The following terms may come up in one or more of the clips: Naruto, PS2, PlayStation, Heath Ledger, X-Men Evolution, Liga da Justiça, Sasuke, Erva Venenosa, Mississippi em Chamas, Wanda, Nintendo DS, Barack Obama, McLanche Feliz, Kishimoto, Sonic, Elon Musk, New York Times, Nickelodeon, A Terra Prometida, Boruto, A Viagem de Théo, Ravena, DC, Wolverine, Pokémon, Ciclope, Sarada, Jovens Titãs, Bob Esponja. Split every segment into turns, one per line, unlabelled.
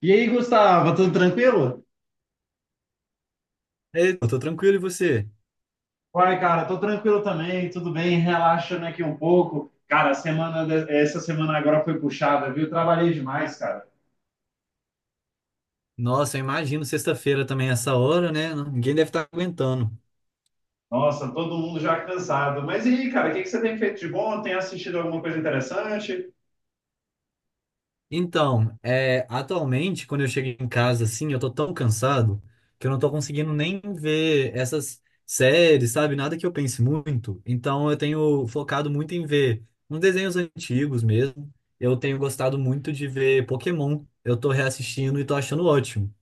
E aí, Gustavo, tudo tranquilo?
Ei, eu tô tranquilo, e você?
Uai, cara, tô tranquilo também, tudo bem, relaxando aqui um pouco. Cara, essa semana agora foi puxada, viu? Trabalhei demais, cara.
Nossa, eu imagino sexta-feira também essa hora, né? Ninguém deve estar aguentando.
Nossa, todo mundo já cansado. Mas e aí, cara, o que que você tem feito de bom? Tem assistido alguma coisa interessante?
Então, é, atualmente, quando eu chego em casa, assim, eu tô tão cansado que eu não tô conseguindo nem ver essas séries, sabe? Nada que eu pense muito. Então, eu tenho focado muito em ver uns desenhos antigos mesmo. Eu tenho gostado muito de ver Pokémon. Eu tô reassistindo e tô achando ótimo.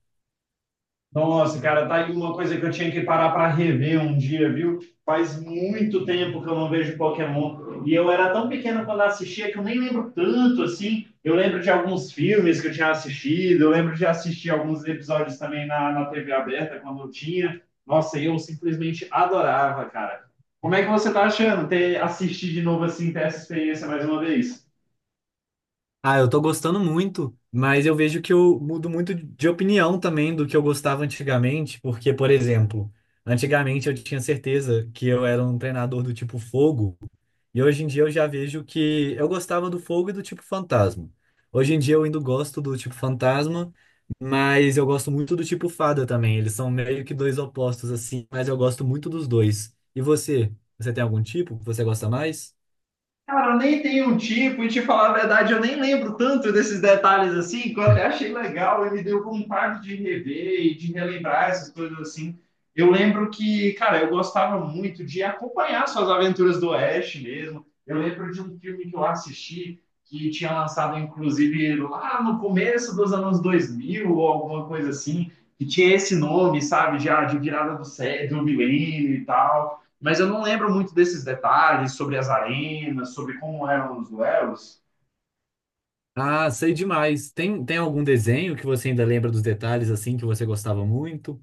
Nossa, cara, tá aí uma coisa que eu tinha que parar para rever um dia, viu? Faz muito tempo que eu não vejo Pokémon. E eu era tão pequeno quando assistia que eu nem lembro tanto, assim. Eu lembro de alguns filmes que eu tinha assistido, eu lembro de assistir alguns episódios também na TV aberta quando eu tinha. Nossa, eu simplesmente adorava, cara. Como é que você tá achando ter assistir de novo assim, ter essa experiência mais uma vez?
Ah, eu tô gostando muito, mas eu vejo que eu mudo muito de opinião também do que eu gostava antigamente, porque, por exemplo, antigamente eu tinha certeza que eu era um treinador do tipo fogo, e hoje em dia eu já vejo que eu gostava do fogo e do tipo fantasma. Hoje em dia eu ainda gosto do tipo fantasma, mas eu gosto muito do tipo fada também. Eles são meio que dois opostos assim, mas eu gosto muito dos dois. E você? Você tem algum tipo que você gosta mais?
Cara, eu nem tenho um tipo, e te falar a verdade, eu nem lembro tanto desses detalhes assim, que eu até achei legal, e me deu vontade de rever e de relembrar essas coisas assim. Eu lembro que, cara, eu gostava muito de acompanhar suas aventuras do Oeste mesmo. Eu lembro de um filme que eu assisti, que tinha lançado, inclusive, lá no começo dos anos 2000 ou alguma coisa assim, que tinha esse nome, sabe, já de virada do milênio e tal. Mas eu não lembro muito desses detalhes sobre as arenas, sobre como eram os duelos.
Ah, sei demais. Tem algum desenho que você ainda lembra dos detalhes assim que você gostava muito?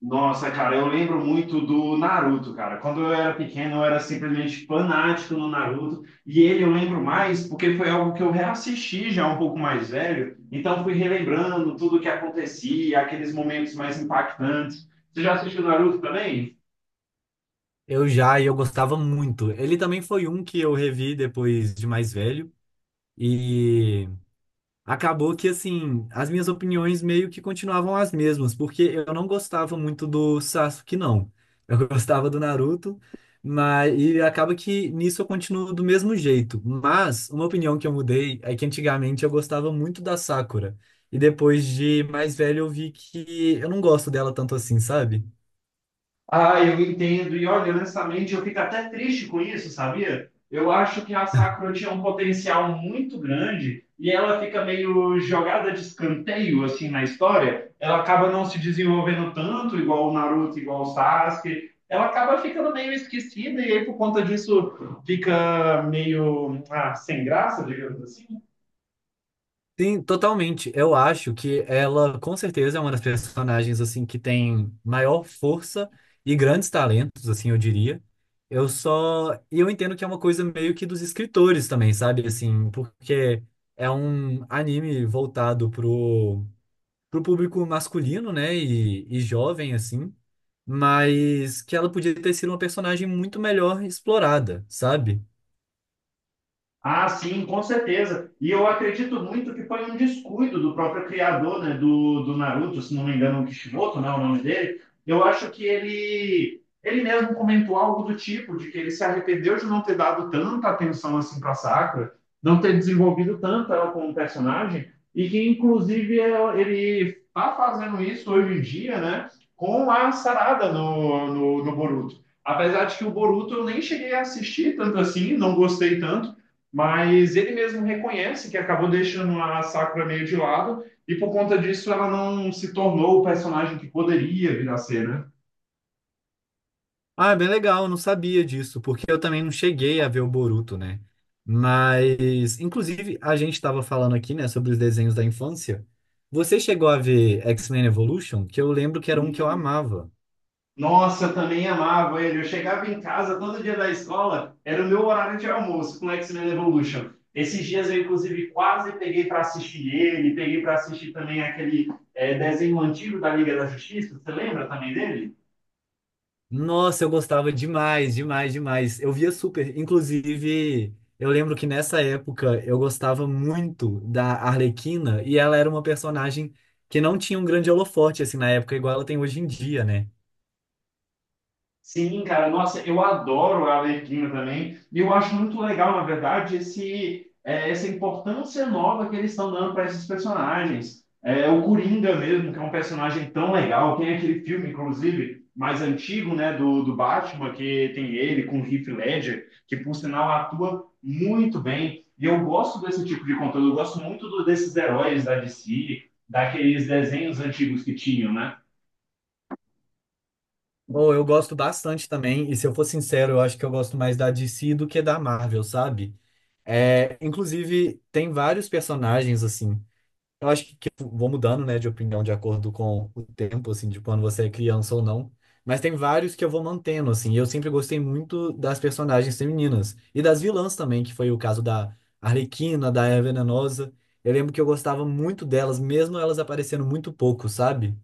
Nossa, cara, eu lembro muito do Naruto, cara. Quando eu era pequeno, eu era simplesmente fanático no Naruto. E ele eu lembro mais porque foi algo que eu reassisti já um pouco mais velho. Então fui relembrando tudo o que acontecia, aqueles momentos mais impactantes. Você já assistiu Naruto também?
Eu já, e eu gostava muito. Ele também foi um que eu revi depois de mais velho. e Acabou que, assim, as minhas opiniões meio que continuavam as mesmas, porque eu não gostava muito do Sasuke, não. Eu gostava do Naruto, mas acaba que nisso eu continuo do mesmo jeito. Mas uma opinião que eu mudei é que antigamente eu gostava muito da Sakura, e depois de mais velho eu vi que eu não gosto dela tanto assim, sabe?
Ah, eu entendo. E olha, honestamente, eu fico até triste com isso, sabia? Eu acho que a Sakura tinha um potencial muito grande e ela fica meio jogada de escanteio, assim, na história. Ela acaba não se desenvolvendo tanto, igual o Naruto, igual o Sasuke. Ela acaba ficando meio esquecida e aí, por conta disso, fica meio, ah, sem graça, digamos assim.
Sim, totalmente. Eu acho que ela, com certeza, é uma das personagens assim que tem maior força e grandes talentos, assim, eu diria. Eu só, e eu entendo que é uma coisa meio que dos escritores também, sabe? Assim, porque é um anime voltado pro público masculino, né? E jovem, assim, mas que ela podia ter sido uma personagem muito melhor explorada, sabe?
Ah, sim, com certeza. E eu acredito muito que foi um descuido do próprio criador, né, do Naruto, se não me engano, o Kishimoto, né, o nome dele. Eu acho que ele mesmo comentou algo do tipo de que ele se arrependeu de não ter dado tanta atenção assim para Sakura, não ter desenvolvido tanto ela como personagem, e que ele tá fazendo isso hoje em dia, né, com a Sarada no Boruto. Apesar de que o Boruto eu nem cheguei a assistir tanto assim, não gostei tanto, mas ele mesmo reconhece que acabou deixando a Sakura meio de lado e por conta disso ela não se tornou o personagem que poderia vir a ser, né?
Ah, é bem legal, eu não sabia disso, porque eu também não cheguei a ver o Boruto, né? Mas, inclusive, a gente estava falando aqui, né, sobre os desenhos da infância. Você chegou a ver X-Men Evolution? Que eu lembro que era um que eu
Hum,
amava.
Nossa, também amava ele. Eu chegava em casa todo dia da escola, era o meu horário de almoço com X-Men Evolution. Esses dias eu, inclusive, quase peguei para assistir ele, peguei para assistir também aquele desenho antigo da Liga da Justiça. Você lembra também dele?
Nossa, eu gostava demais, demais, demais. Eu via super. Inclusive, eu lembro que nessa época eu gostava muito da Arlequina e ela era uma personagem que não tinha um grande holofote, assim, na época, igual ela tem hoje em dia, né?
Sim, cara, nossa, eu adoro a Arlequina também, e eu acho muito legal, na verdade, esse, é, essa importância nova que eles estão dando para esses personagens. É, o Coringa mesmo, que é um personagem tão legal, tem aquele filme, inclusive, mais antigo, né, do Batman, que tem ele com o Heath Ledger, que, por sinal, atua muito bem, e eu gosto desse tipo de conteúdo, eu gosto muito do, desses heróis da DC, daqueles desenhos antigos que tinham, né?
Ou eu gosto bastante também, e se eu for sincero, eu acho que eu gosto mais da DC do que da Marvel, sabe? É, inclusive, tem vários personagens, assim. Eu acho que eu vou mudando, né, de opinião de acordo com o tempo, assim, de quando você é criança ou não. Mas tem vários que eu vou mantendo, assim. Eu sempre gostei muito das personagens femininas. E das vilãs também, que foi o caso da Arlequina, da Eva Venenosa. Eu lembro que eu gostava muito delas, mesmo elas aparecendo muito pouco, sabe?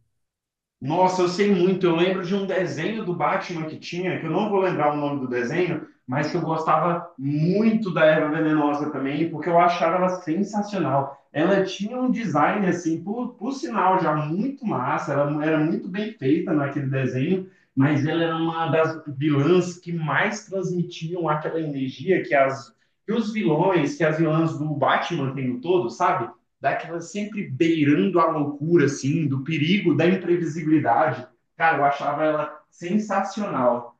Nossa, eu sei muito. Eu lembro de um desenho do Batman que tinha, que eu não vou lembrar o nome do desenho, mas que eu gostava muito da Erva Venenosa também, porque eu achava ela sensacional. Ela tinha um design, assim, por sinal, já muito massa. Ela era muito bem feita naquele desenho, mas ela era uma das vilãs que mais transmitiam aquela energia que, as, que os vilões, que as vilãs do Batman têm no todo, sabe? Daquela sempre beirando a loucura, assim, do perigo, da imprevisibilidade. Cara, eu achava ela sensacional.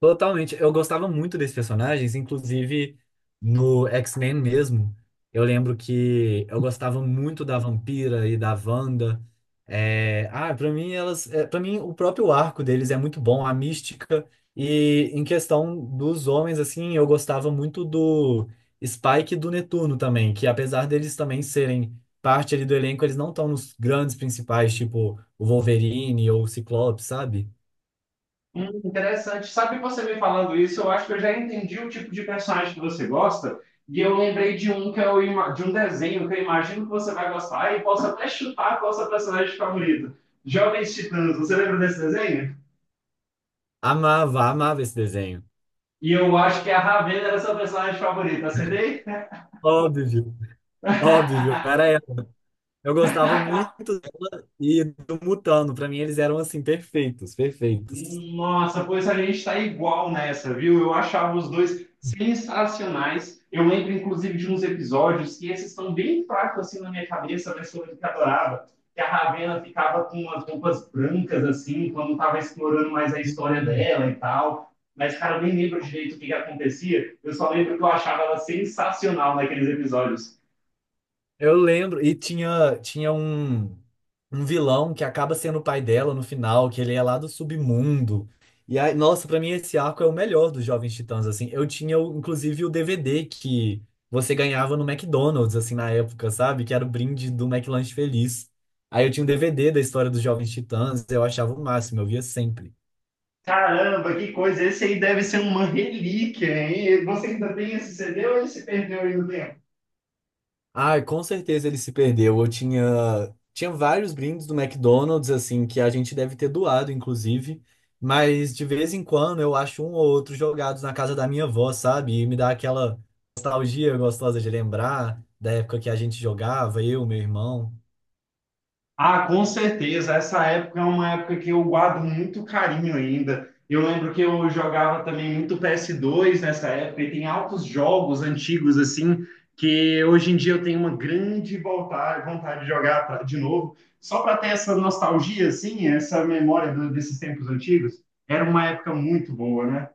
Totalmente. Eu gostava muito desses personagens, inclusive no X-Men mesmo. Eu lembro que eu gostava muito da Vampira e da Wanda. É, ah, para mim elas, é, para mim o próprio arco deles é muito bom, a mística. E em questão dos homens, assim, eu gostava muito do Spike e do Netuno também, que apesar deles também serem parte ali do elenco, eles não estão nos grandes principais, tipo o Wolverine ou o Ciclope, sabe?
Interessante. Sabe, você me falando isso, eu acho que eu já entendi o tipo de personagem que você gosta, e eu lembrei de um de um desenho que eu imagino que você vai gostar e posso até chutar qual é o seu personagem favorito. Jovens Titãs, você lembra desse desenho?
Amava, amava esse desenho.
E eu acho que a Ravena era seu personagem favorito, acertei?
Óbvio, óbvio, era ela. Eu gostava muito do Mutano, pra mim eles eram assim perfeitos, perfeitos.
Nossa, pois a gente tá igual nessa, viu? Eu achava os dois sensacionais. Eu lembro, inclusive, de uns episódios que esses estão bem fracos assim na minha cabeça, mas que eu que adorava. Que a Ravena ficava com umas roupas brancas, assim, quando tava explorando mais a história
Sim.
dela e tal. Mas, cara, eu nem lembro direito o que que acontecia. Eu só lembro que eu achava ela sensacional naqueles episódios.
Eu lembro e tinha um vilão que acaba sendo o pai dela no final, que ele é lá do submundo. E aí, nossa, pra mim esse arco é o melhor dos Jovens Titãs assim. Inclusive o DVD que você ganhava no McDonald's assim na época, sabe? Que era o brinde do McLanche Feliz. Aí eu tinha um DVD da história dos Jovens Titãs, eu achava o máximo, eu via sempre.
Caramba, que coisa! Esse aí deve ser uma relíquia, hein? Você ainda tem esse CD ou ele se perdeu aí no tempo?
Ai, com certeza ele se perdeu. Eu tinha vários brindes do McDonald's, assim, que a gente deve ter doado, inclusive. Mas de vez em quando eu acho um ou outro jogados na casa da minha avó, sabe? E me dá aquela nostalgia gostosa de lembrar da época que a gente jogava, eu, meu irmão.
Ah, com certeza. Essa época é uma época que eu guardo muito carinho ainda. Eu lembro que eu jogava também muito PS2 nessa época e tem altos jogos antigos assim que hoje em dia eu tenho uma grande vontade de jogar de novo, só para ter essa nostalgia assim, essa memória desses tempos antigos. Era uma época muito boa, né?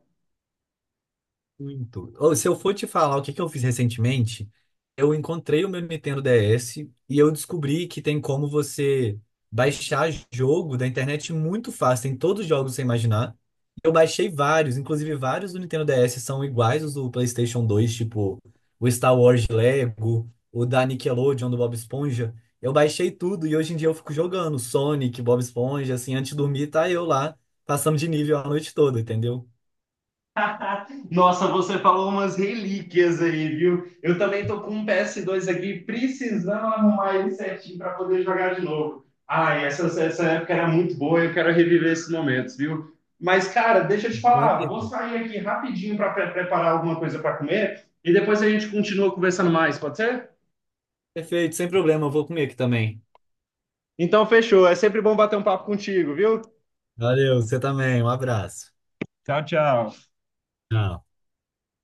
Muito. Ou, se eu for te falar o que eu fiz recentemente, eu encontrei o meu Nintendo DS e eu descobri que tem como você baixar jogo da internet muito fácil. Tem todos os jogos que você imaginar. Eu baixei vários, inclusive vários do Nintendo DS são iguais os do PlayStation dois, tipo o Star Wars Lego, o da Nickelodeon, do Bob Esponja. Eu baixei tudo e hoje em dia eu fico jogando Sonic, Bob Esponja, assim, antes de dormir, tá eu lá, passando de nível a noite toda, entendeu?
Nossa, você falou umas relíquias aí, viu? Eu também tô com um PS2 aqui, precisando arrumar ele certinho para poder jogar de novo. Ai, essa época era muito boa, eu quero reviver esses momentos, viu? Mas, cara, deixa eu te falar, vou
Conta
sair aqui rapidinho para preparar alguma coisa para comer e depois a gente continua conversando mais, pode ser?
Perfeito, sem problema, eu vou comer aqui também.
Então, fechou. É sempre bom bater um papo contigo, viu?
Valeu, você também. Um abraço.
Tchau, tchau.
Tchau.